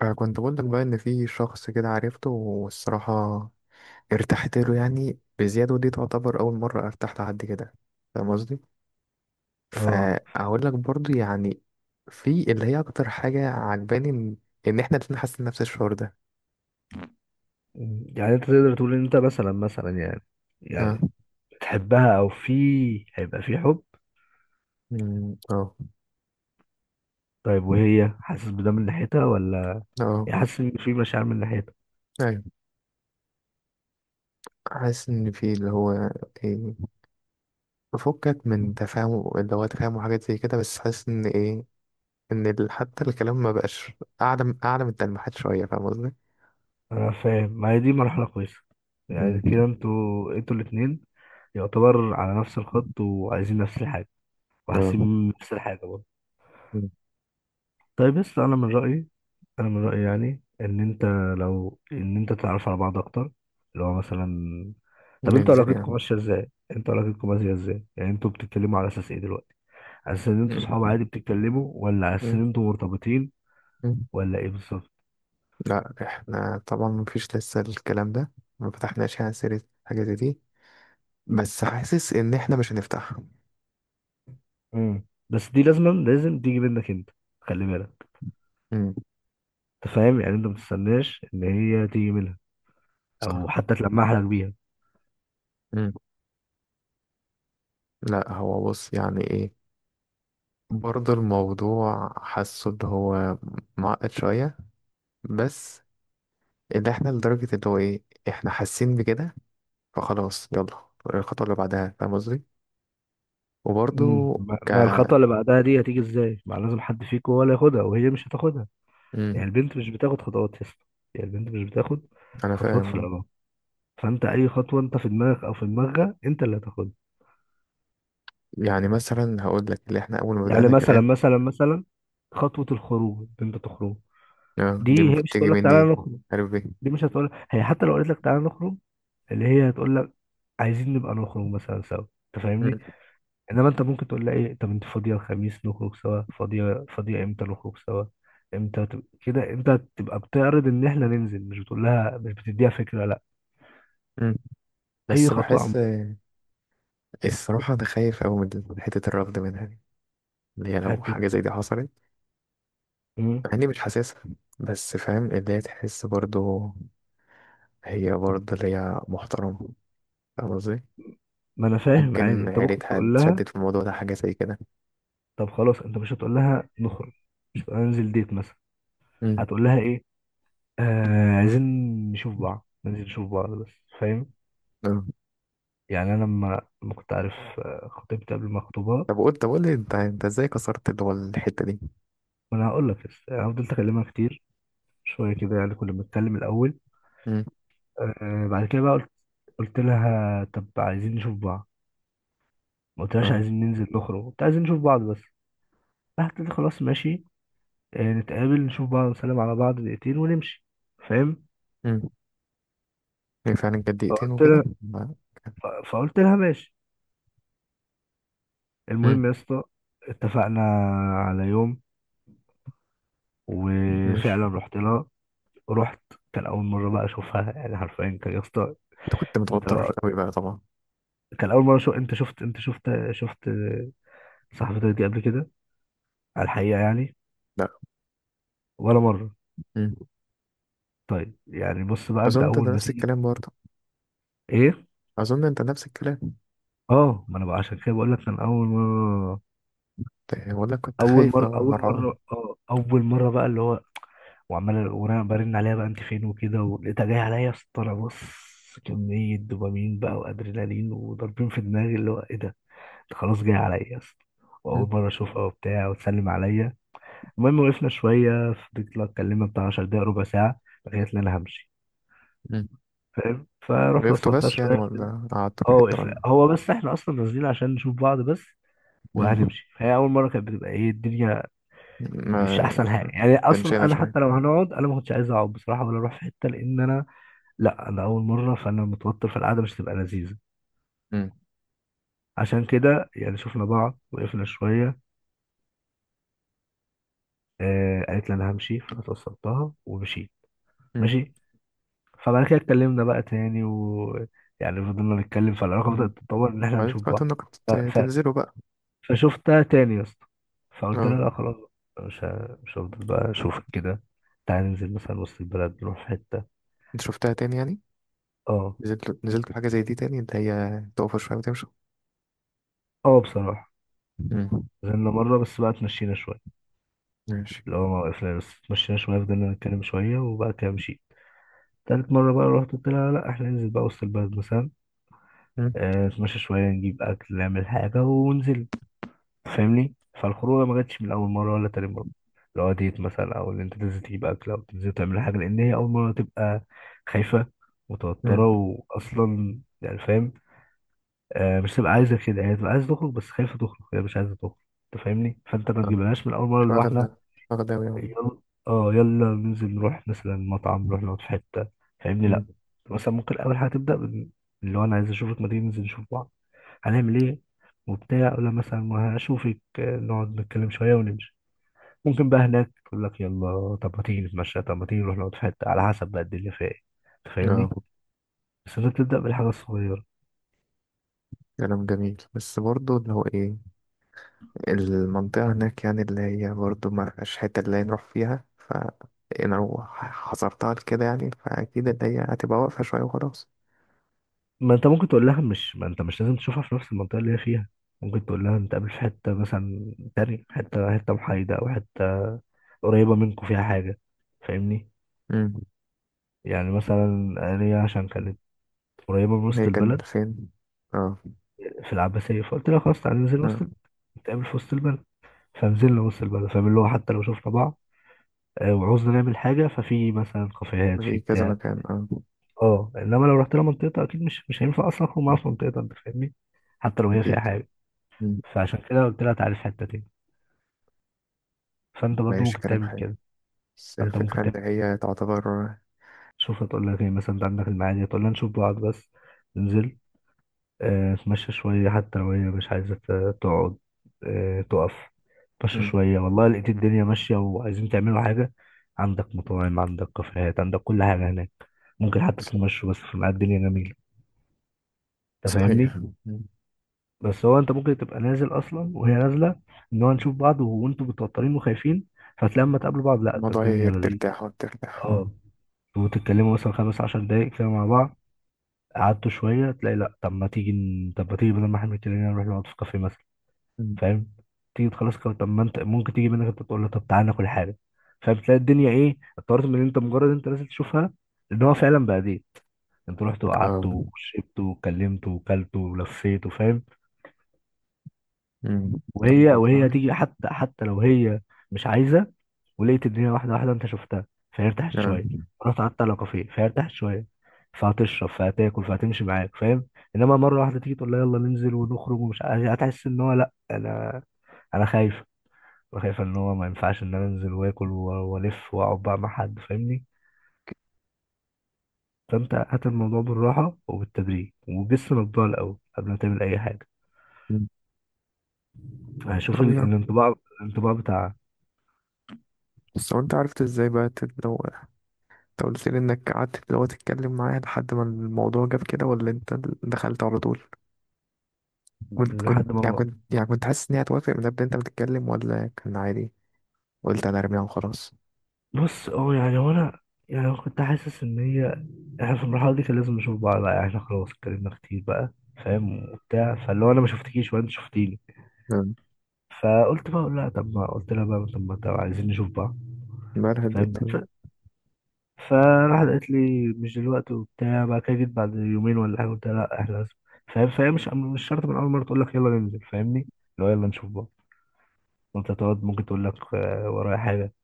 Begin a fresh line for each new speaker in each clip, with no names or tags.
فكنت بقول لك بقى ان في شخص كده عرفته والصراحه ارتحت له يعني بزياده. ودي تعتبر اول مره ارتحت لحد كده، فاهم قصدي؟
اه.
فاقول لك برضو يعني في اللي هي اكتر حاجه عجباني إن احنا الاتنين حاسين نفس الشعور ده.
يعني انت تقدر تقول ان انت مثلا يعني
اه.
يعني بتحبها او في هيبقى في حب؟
اه.
طيب وهي حاسس بده من ناحيتها ولا
اه.
هي حاسس ان في مشاعر من ناحيتها؟
ايوه، حاسس ان في اللي هو ايه، بفكك من تفاهم اللي هو تفاهم وحاجات زي كده، بس حاسس ان ايه، ان حتى الكلام ما بقاش اعلى من التلميحات شويه، فاهم قصدي؟
انا فاهم، ما هي دي مرحلة كويسة.
أمم،
يعني كده انتوا الاتنين يعتبر على نفس الخط، وعايزين نفس الحاجة
اه.
وحاسين نفس الحاجة برضه.
مم.
طيب، بس انا من رأيي انا من رايي يعني ان انت لو ان انت تتعرف على بعض اكتر، اللي هو مثلا. طب انتوا
ننزل
علاقتكم
يعني.
ماشيه ازاي، يعني انتوا بتتكلموا على اساس ايه دلوقتي؟ على اساس ان انتوا صحاب
مم.
عادي بتتكلموا، ولا على اساس ان
مم.
انتوا مرتبطين،
مم.
ولا ايه بالظبط؟
لا احنا طبعا مفيش لسه الكلام ده، ما فتحناش يعني سيرة حاجة زي دي، بس حاسس ان احنا مش هنفتحها.
بس دي لازم تيجي منك انت، خلي بالك.
مم.
انت فاهم يعني؟ انت ما تستناش ان هي تيجي منها، او
صح.
حتى تلمح لك بيها.
مم. لا هو بص يعني ايه، برضه الموضوع حاسه اللي هو معقد شوية، بس اللي احنا لدرجة اللي هو ايه، احنا حاسين بكده، فخلاص يلا الخطوة اللي بعدها، فاهم قصدي؟ وبرضه.
ما
ك
ما الخطوه اللي بعدها دي هتيجي ازاي؟ ما لازم حد فيكم ولا ياخدها، وهي مش هتاخدها.
مم.
يعني البنت مش بتاخد خطوات يا اسطى، يعني البنت مش بتاخد
انا
خطوات في
فاهم.
العلاقه. فانت اي خطوه انت في دماغك او في دماغها، انت اللي هتاخدها.
يعني مثلا هقول لك اللي احنا اول ما
يعني
بدأنا
مثلا
كلام،
مثلا مثلا خطوه الخروج انت تخرج.
آه، دي
دي هي
المفروض
مش
تيجي
هتقول لك
مني.
تعالى نخرج،
عارف ايه.
دي مش هتقول هي. حتى لو قالت لك تعالى نخرج، اللي هي هتقول لك عايزين نبقى نخرج مثلا سوا، انت فاهمني؟
مم.
انما انت ممكن تقول لها ايه، طب انت فاضيه الخميس نخرج سوا؟ فاضيه امتى نخرج سوا؟ امتى كده انت تبقى بتعرض ان احنا ننزل، مش بتقول لها، مش بتديها فكره، لا.
مم.
اي
بس بحس.
خطوه.
آه. الصراحة انا خايف أوي من حتة الرفض منها دي، اللي هي لو
هتت...
حاجة زي دي حصلت.
مم.
مع اني مش حاسسها، بس فاهم اللي هي تحس برضو، هي برضو اللي هي محترمة، فاهم قصدي؟
ما انا فاهم، عادي
ممكن
انت ممكن
عيلتها
تقول لها.
اتشدت في الموضوع ده، حاجة زي كده.
طب خلاص، انت مش هتقول لها نخرج، مش هتقول لها ننزل ديت مثلا.
مم.
هتقول لها ايه؟ آه، عايزين نشوف بعض، ننزل نشوف بعض بس، فاهم؟
آه.
يعني انا لما كنت عارف خطيبتي قبل ما اخطبها،
طب قول لي انت ازاي كسرت اللي هو الحتة دي.
ما انا هقول لك. بس يعني فضلت اكلمها كتير شويه كده، يعني كنا بنتكلم الاول.
مم.
بعد كده بقى قلت، لها طب عايزين نشوف بعض. ما قلتلهاش
اه.
عايزين ننزل نخرج، قلت عايزين نشوف بعض بس. راحت قالت لي خلاص ماشي، نتقابل نشوف بعض نسلم على بعض دقيقتين ونمشي، فاهم؟
مم. هي فعلا كانت دقيقتين
فقلت
وكده.
لها، فقلت لها ماشي.
مم.
المهم يا اسطى، اتفقنا على يوم،
ماشي.
وفعلا رحت لها. رحت، كان اول مره بقى اشوفها يعني حرفيا. كان يا اسطى،
انت كنت
انت لو.
متوتر قوي بقى طبعا.
كان اول مره، شو انت شفت، انت شفت صاحبتك دي قبل كده على الحقيقه يعني؟
لا.
ولا مره.
مم.
طيب يعني بص بقى، انت
اظن انت
اول ما
نفس
تيجي.
الكلام برضه.
ايه؟
اظن انت نفس الكلام.
اه ما انا بقى عشان كده بقول لك، كان
إيه، ولا كنت خايف لو
اول مره
مرعون.
اه اول مره بقى اللي هو. وعمال وانا برن عليها بقى انت فين وكده، ولقيتها جايه عليا يا اسطى. أنا بص، كمية دوبامين بقى وادرينالين وضاربين في دماغي، اللي هو ايه ده؟ ده خلاص جاي عليا يا اسطى، واول
مم.
مرة اشوفها وبتاع وتسلم عليا. المهم وقفنا شوية، فضلت لها اتكلمنا بتاع 10 دقايق ربع ساعة، لغاية ان انا همشي.
مم.
فاهم؟ فرحت
وقفته
وصلتها
بس يعني،
شوية كده.
ولا قعدت
اه
في حته،
وقفنا،
ولا؟
هو بس احنا اصلا نازلين عشان نشوف بعض بس
مم.
وهنمشي. فهي اول مره، كانت بتبقى ايه الدنيا،
ما
مش احسن حاجه. يعني اصلا
تنشينا
انا
شويه.
حتى لو هنقعد، انا ما كنتش عايز اقعد بصراحه، ولا اروح في حته، لان انا، لا انا اول مره، فانا متوتر، فالقعده مش هتبقى لذيذه.
مم.
عشان كده يعني شفنا بعض وقفنا شويه. قالت لي انا همشي، فانا توصلتها ومشيت،
مم.
ماشي. فبعد كده اتكلمنا بقى تاني، يعني فضلنا نتكلم، فالعلاقه بدات
مم.
تتطور ان احنا
وبعدين
نشوف
فكرت
بعض.
انك كنت
ف... ف...
تنزله بقى.
فشفتها تاني يا اسطى، فقلت
اه.
لها لا خلاص، مش هفضل بقى اشوفك كده، تعالى ننزل مثلا وسط البلد، نروح في حته.
انت شفتها تاني يعني؟
اه
نزلت حاجه زي دي تاني، اللي هي تقف شويه وتمشي.
اه بصراحه،
مم.
نزلنا مره بس بقى، اتمشينا شويه،
ماشي.
اللي هو ما وقفنا بس اتمشينا شويه، فضلنا نتكلم شويه، وبقى كده مشيت. تالت مرة بقى رحت قلت لها لا احنا ننزل بقى وسط البلد مثلا.
مم.
نتمشى شوية، نجيب أكل، نعمل حاجة وننزل، فاهمني؟ فالخروجة ما جاتش من أول مرة ولا تاني مرة لو ديت مثلا، أو إن أنت تنزل تجيب أكل أو تنزل تعمل حاجة، لأن هي أول مرة تبقى خايفة متوترة،
مم.
وأصلا يعني فاهم؟ مش تبقى عايزة كده، هي تبقى عايزة تخرج بس خايفة تخرج، هي مش عايزة تخرج. أنت فاهمني؟ فأنت ما
آه.
تجيبلهاش من أول مرة
مش
اللي هو
واخد.
إحنا
مش واخد أوي أهو.
يلا، اه يلا ننزل نروح مثلا مطعم، نروح نقعد في حتة، فاهمني؟
مم.
لا، مثلا ممكن أول حاجة تبدأ اللي هو أنا عايز أشوفك، ما تيجي ننزل نشوف بعض، هنعمل إيه وبتاع. ولا مثلا ما هشوفك، نقعد نتكلم شوية ونمشي. ممكن بقى هناك يقول لك يلا، طب ما تيجي نتمشى، طب ما تيجي نروح نقعد في حتة، على حسب بقى الدنيا فيها إيه. أنت
اه.
فاهمني؟ بس أنت بتبدأ بالحاجة الصغيرة.
كلام جميل، بس برضه اللي هو ايه، المنطقة هناك يعني اللي هي برضه ما فيهاش حتة اللي هي نروح فيها، ف أنا لو حصرتها كده يعني، فأكيد اللي هي هتبقى واقفة شوية وخلاص.
ما أنت ممكن تقول لها، مش ما أنت مش لازم تشوفها في نفس المنطقة اللي هي فيها. ممكن تقول لها نتقابل في حتة مثلا تانية، حتة محايدة، أو حتة قريبة منكم فيها حاجة، فاهمني؟
امم.
يعني مثلا ليا، عشان كانت قريبة من وسط
هي كان
البلد،
فين؟ اه.
في العباسية، فقلت لها خلاص تعالى ننزل وسط
اه.
البلد، نتقابل في وسط البلد. فنزلنا وسط البلد، فاهم؟ اللي هو حتى لو شفنا بعض، وعوزنا نعمل حاجة، ففي مثلا كافيهات، في
في كذا
بتاع.
مكان، اه.
اه انما لو رحت لها منطقة، اكيد مش هينفع اصلا اخرج معاها في منطقة، انت فاهمني؟ حتى لو هي فيها
أكيد.
حاجة.
امم.
فعشان كده قلت لها تعالي في حتة تاني. فانت برضو
ماشي
ممكن
كلام
تعمل
حلو.
كده.
بس
فانت ممكن
الفكرة إن
تعمل
هي تعتبر.
شوف هتقول لك ايه، مثلا انت عندك المعادي، هتقول لها نشوف بعض بس، ننزل، اتمشى شوية، حتى لو هي مش عايزة تقعد، تقف، اتمشى
امم.
شوية، والله لقيت الدنيا ماشية وعايزين تعملوا حاجة. عندك مطاعم، عندك كافيهات، عندك كل حاجة هناك، ممكن حتى
ص-
تتمشوا بس في ميعاد الدنيا جميلة. انت فاهمني؟
صحيح. مم.
بس هو انت ممكن تبقى نازل اصلا وهي نازلة، ان هو نشوف بعض، وانتوا متوترين وخايفين، فتلاقي اما تقابلوا بعض، لا ده
الموضوع هي
الدنيا لذيذة.
ترتاح وترتاح، اه.
اه، وتتكلموا مثلا 15 دقايق كده مع بعض، قعدتوا شوية، تلاقي لا طب ما تيجي، بدل ما احنا بنتكلم نروح نقعد في كافيه مثلا،
مم.
فاهم؟ تيجي تخلص كده، طب ما انت ممكن تيجي منك انت، تقول له طب تعالى ناكل حاجه، فاهم؟ تلاقي الدنيا ايه، اتطورت من ان انت مجرد انت نازل تشوفها، ان هو فعلا بقى دي. انت رحت وقعدت
اه.
وشربت وكلمت وكلت ولفيت، وفاهم.
مم. طب
وهي
والله.
وهي تيجي، حتى لو هي مش عايزه. ولقيت الدنيا واحده واحده، انت شفتها، فهي ارتاحت
اه.
شويه. رحت قعدت على كافيه، فهي ارتاحت شويه، فهتشرب فهتاكل فهتمشي معاك، فاهم؟ انما مره واحده تيجي تقول لها يلا ننزل ونخرج، ومش عايز، هتحس ان هو لا انا، انا خايف، وشايفة ان هو ما ينفعش ان انا انزل واكل والف واقعد بقى مع حد، فاهمني؟ فانت هات الموضوع بالراحة وبالتدريج، وجس الانطباع الاول قبل ما تعمل اي حاجة.
مم.
هشوف
طب يا،
الانطباع، بتاع،
بس هو انت عرفت ازاي بقى انت قلت لي انك قعدت تتكلم معاه لحد ما الموضوع جاب كده، ولا انت دخلت على طول؟ كنت كنت
لحد
يعني
ما.
كنت يعني كنت حاسس ان هي هتوافق من قبل انت بتتكلم، ولا كان عادي قلت انا ارميها وخلاص؟
بص اه، يعني هو انا، يعني أنا كنت حاسس ان هي، احنا في المرحلة دي كان لازم نشوف بعض بقى، يعني احنا خلاص اتكلمنا كتير بقى، فاهم وبتاع. فاللي هو انا ما شفتكيش وانت شفتيني،
مم.
فقلت بقى لا، طب ما قلت لها بقى طب ما، طب عايزين نشوف بعض،
امبارح
فاهم؟
اديت.
فراحت قالت لي مش دلوقتي وبتاع، بعد كده جيت بعد 2 يومين ولا حاجه قلت لها لا احنا لازم، فاهم؟ فهي مش شرط من اول مره تقول لك يلا ننزل، فاهمني؟ اللي هو يلا نشوف بعض، وانت تقعد ممكن تقول لك ورايا حاجه.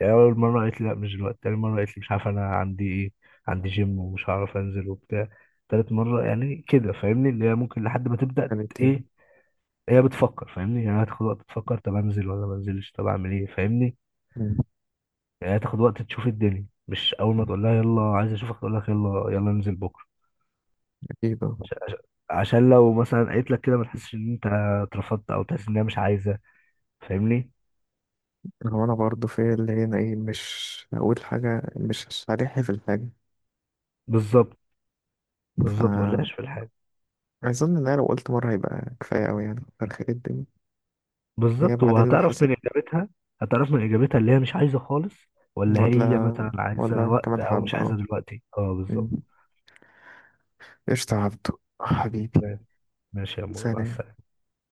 يعني اول مره قالت لي لا مش دلوقتي، تاني مره قالت لي مش عارف انا عندي ايه، عندي جيم ومش هعرف انزل وبتاع، تالت مره يعني كده، فاهمني؟ اللي هي ممكن لحد ما تبدا
كانت ايه؟
ايه، هي بتفكر، فاهمني؟ يعني هتاخد وقت تفكر، طب انزل ولا ما انزلش، طب اعمل ايه، فاهمني؟
مم.
يعني هتاخد وقت تشوف الدنيا، مش اول ما تقول لها يلا عايز اشوفك تقول لك يلا يلا ننزل بكره.
اكيد اه.
عش- عشان لو مثلا قالت لك كده، ما تحسش ان انت اترفضت، او تحس ان هي مش عايزه، فاهمني؟
هو انا برضه في اللي هنا ايه، مش هقول حاجة، مش صريح في الحاجة.
بالظبط، بالظبط ما
فانا
تلاقيش في الحاجه.
اظن ان انا لو قلت مرة هيبقى كفاية اوي، يعني فرخة الدنيا. هي
بالظبط،
بعدين لو
وهتعرف من
حست.
اجابتها، اللي هي مش عايزه خالص، ولا هي
ولا
مثلا عايزه
ولا
وقت،
كمان
او مش
حبة اه.
عايزه دلوقتي، اه
مم.
بالظبط.
قشطة يا عبدو حبيبي.
ماشي، ماشي يا مو، مع
سلام.
السلامه.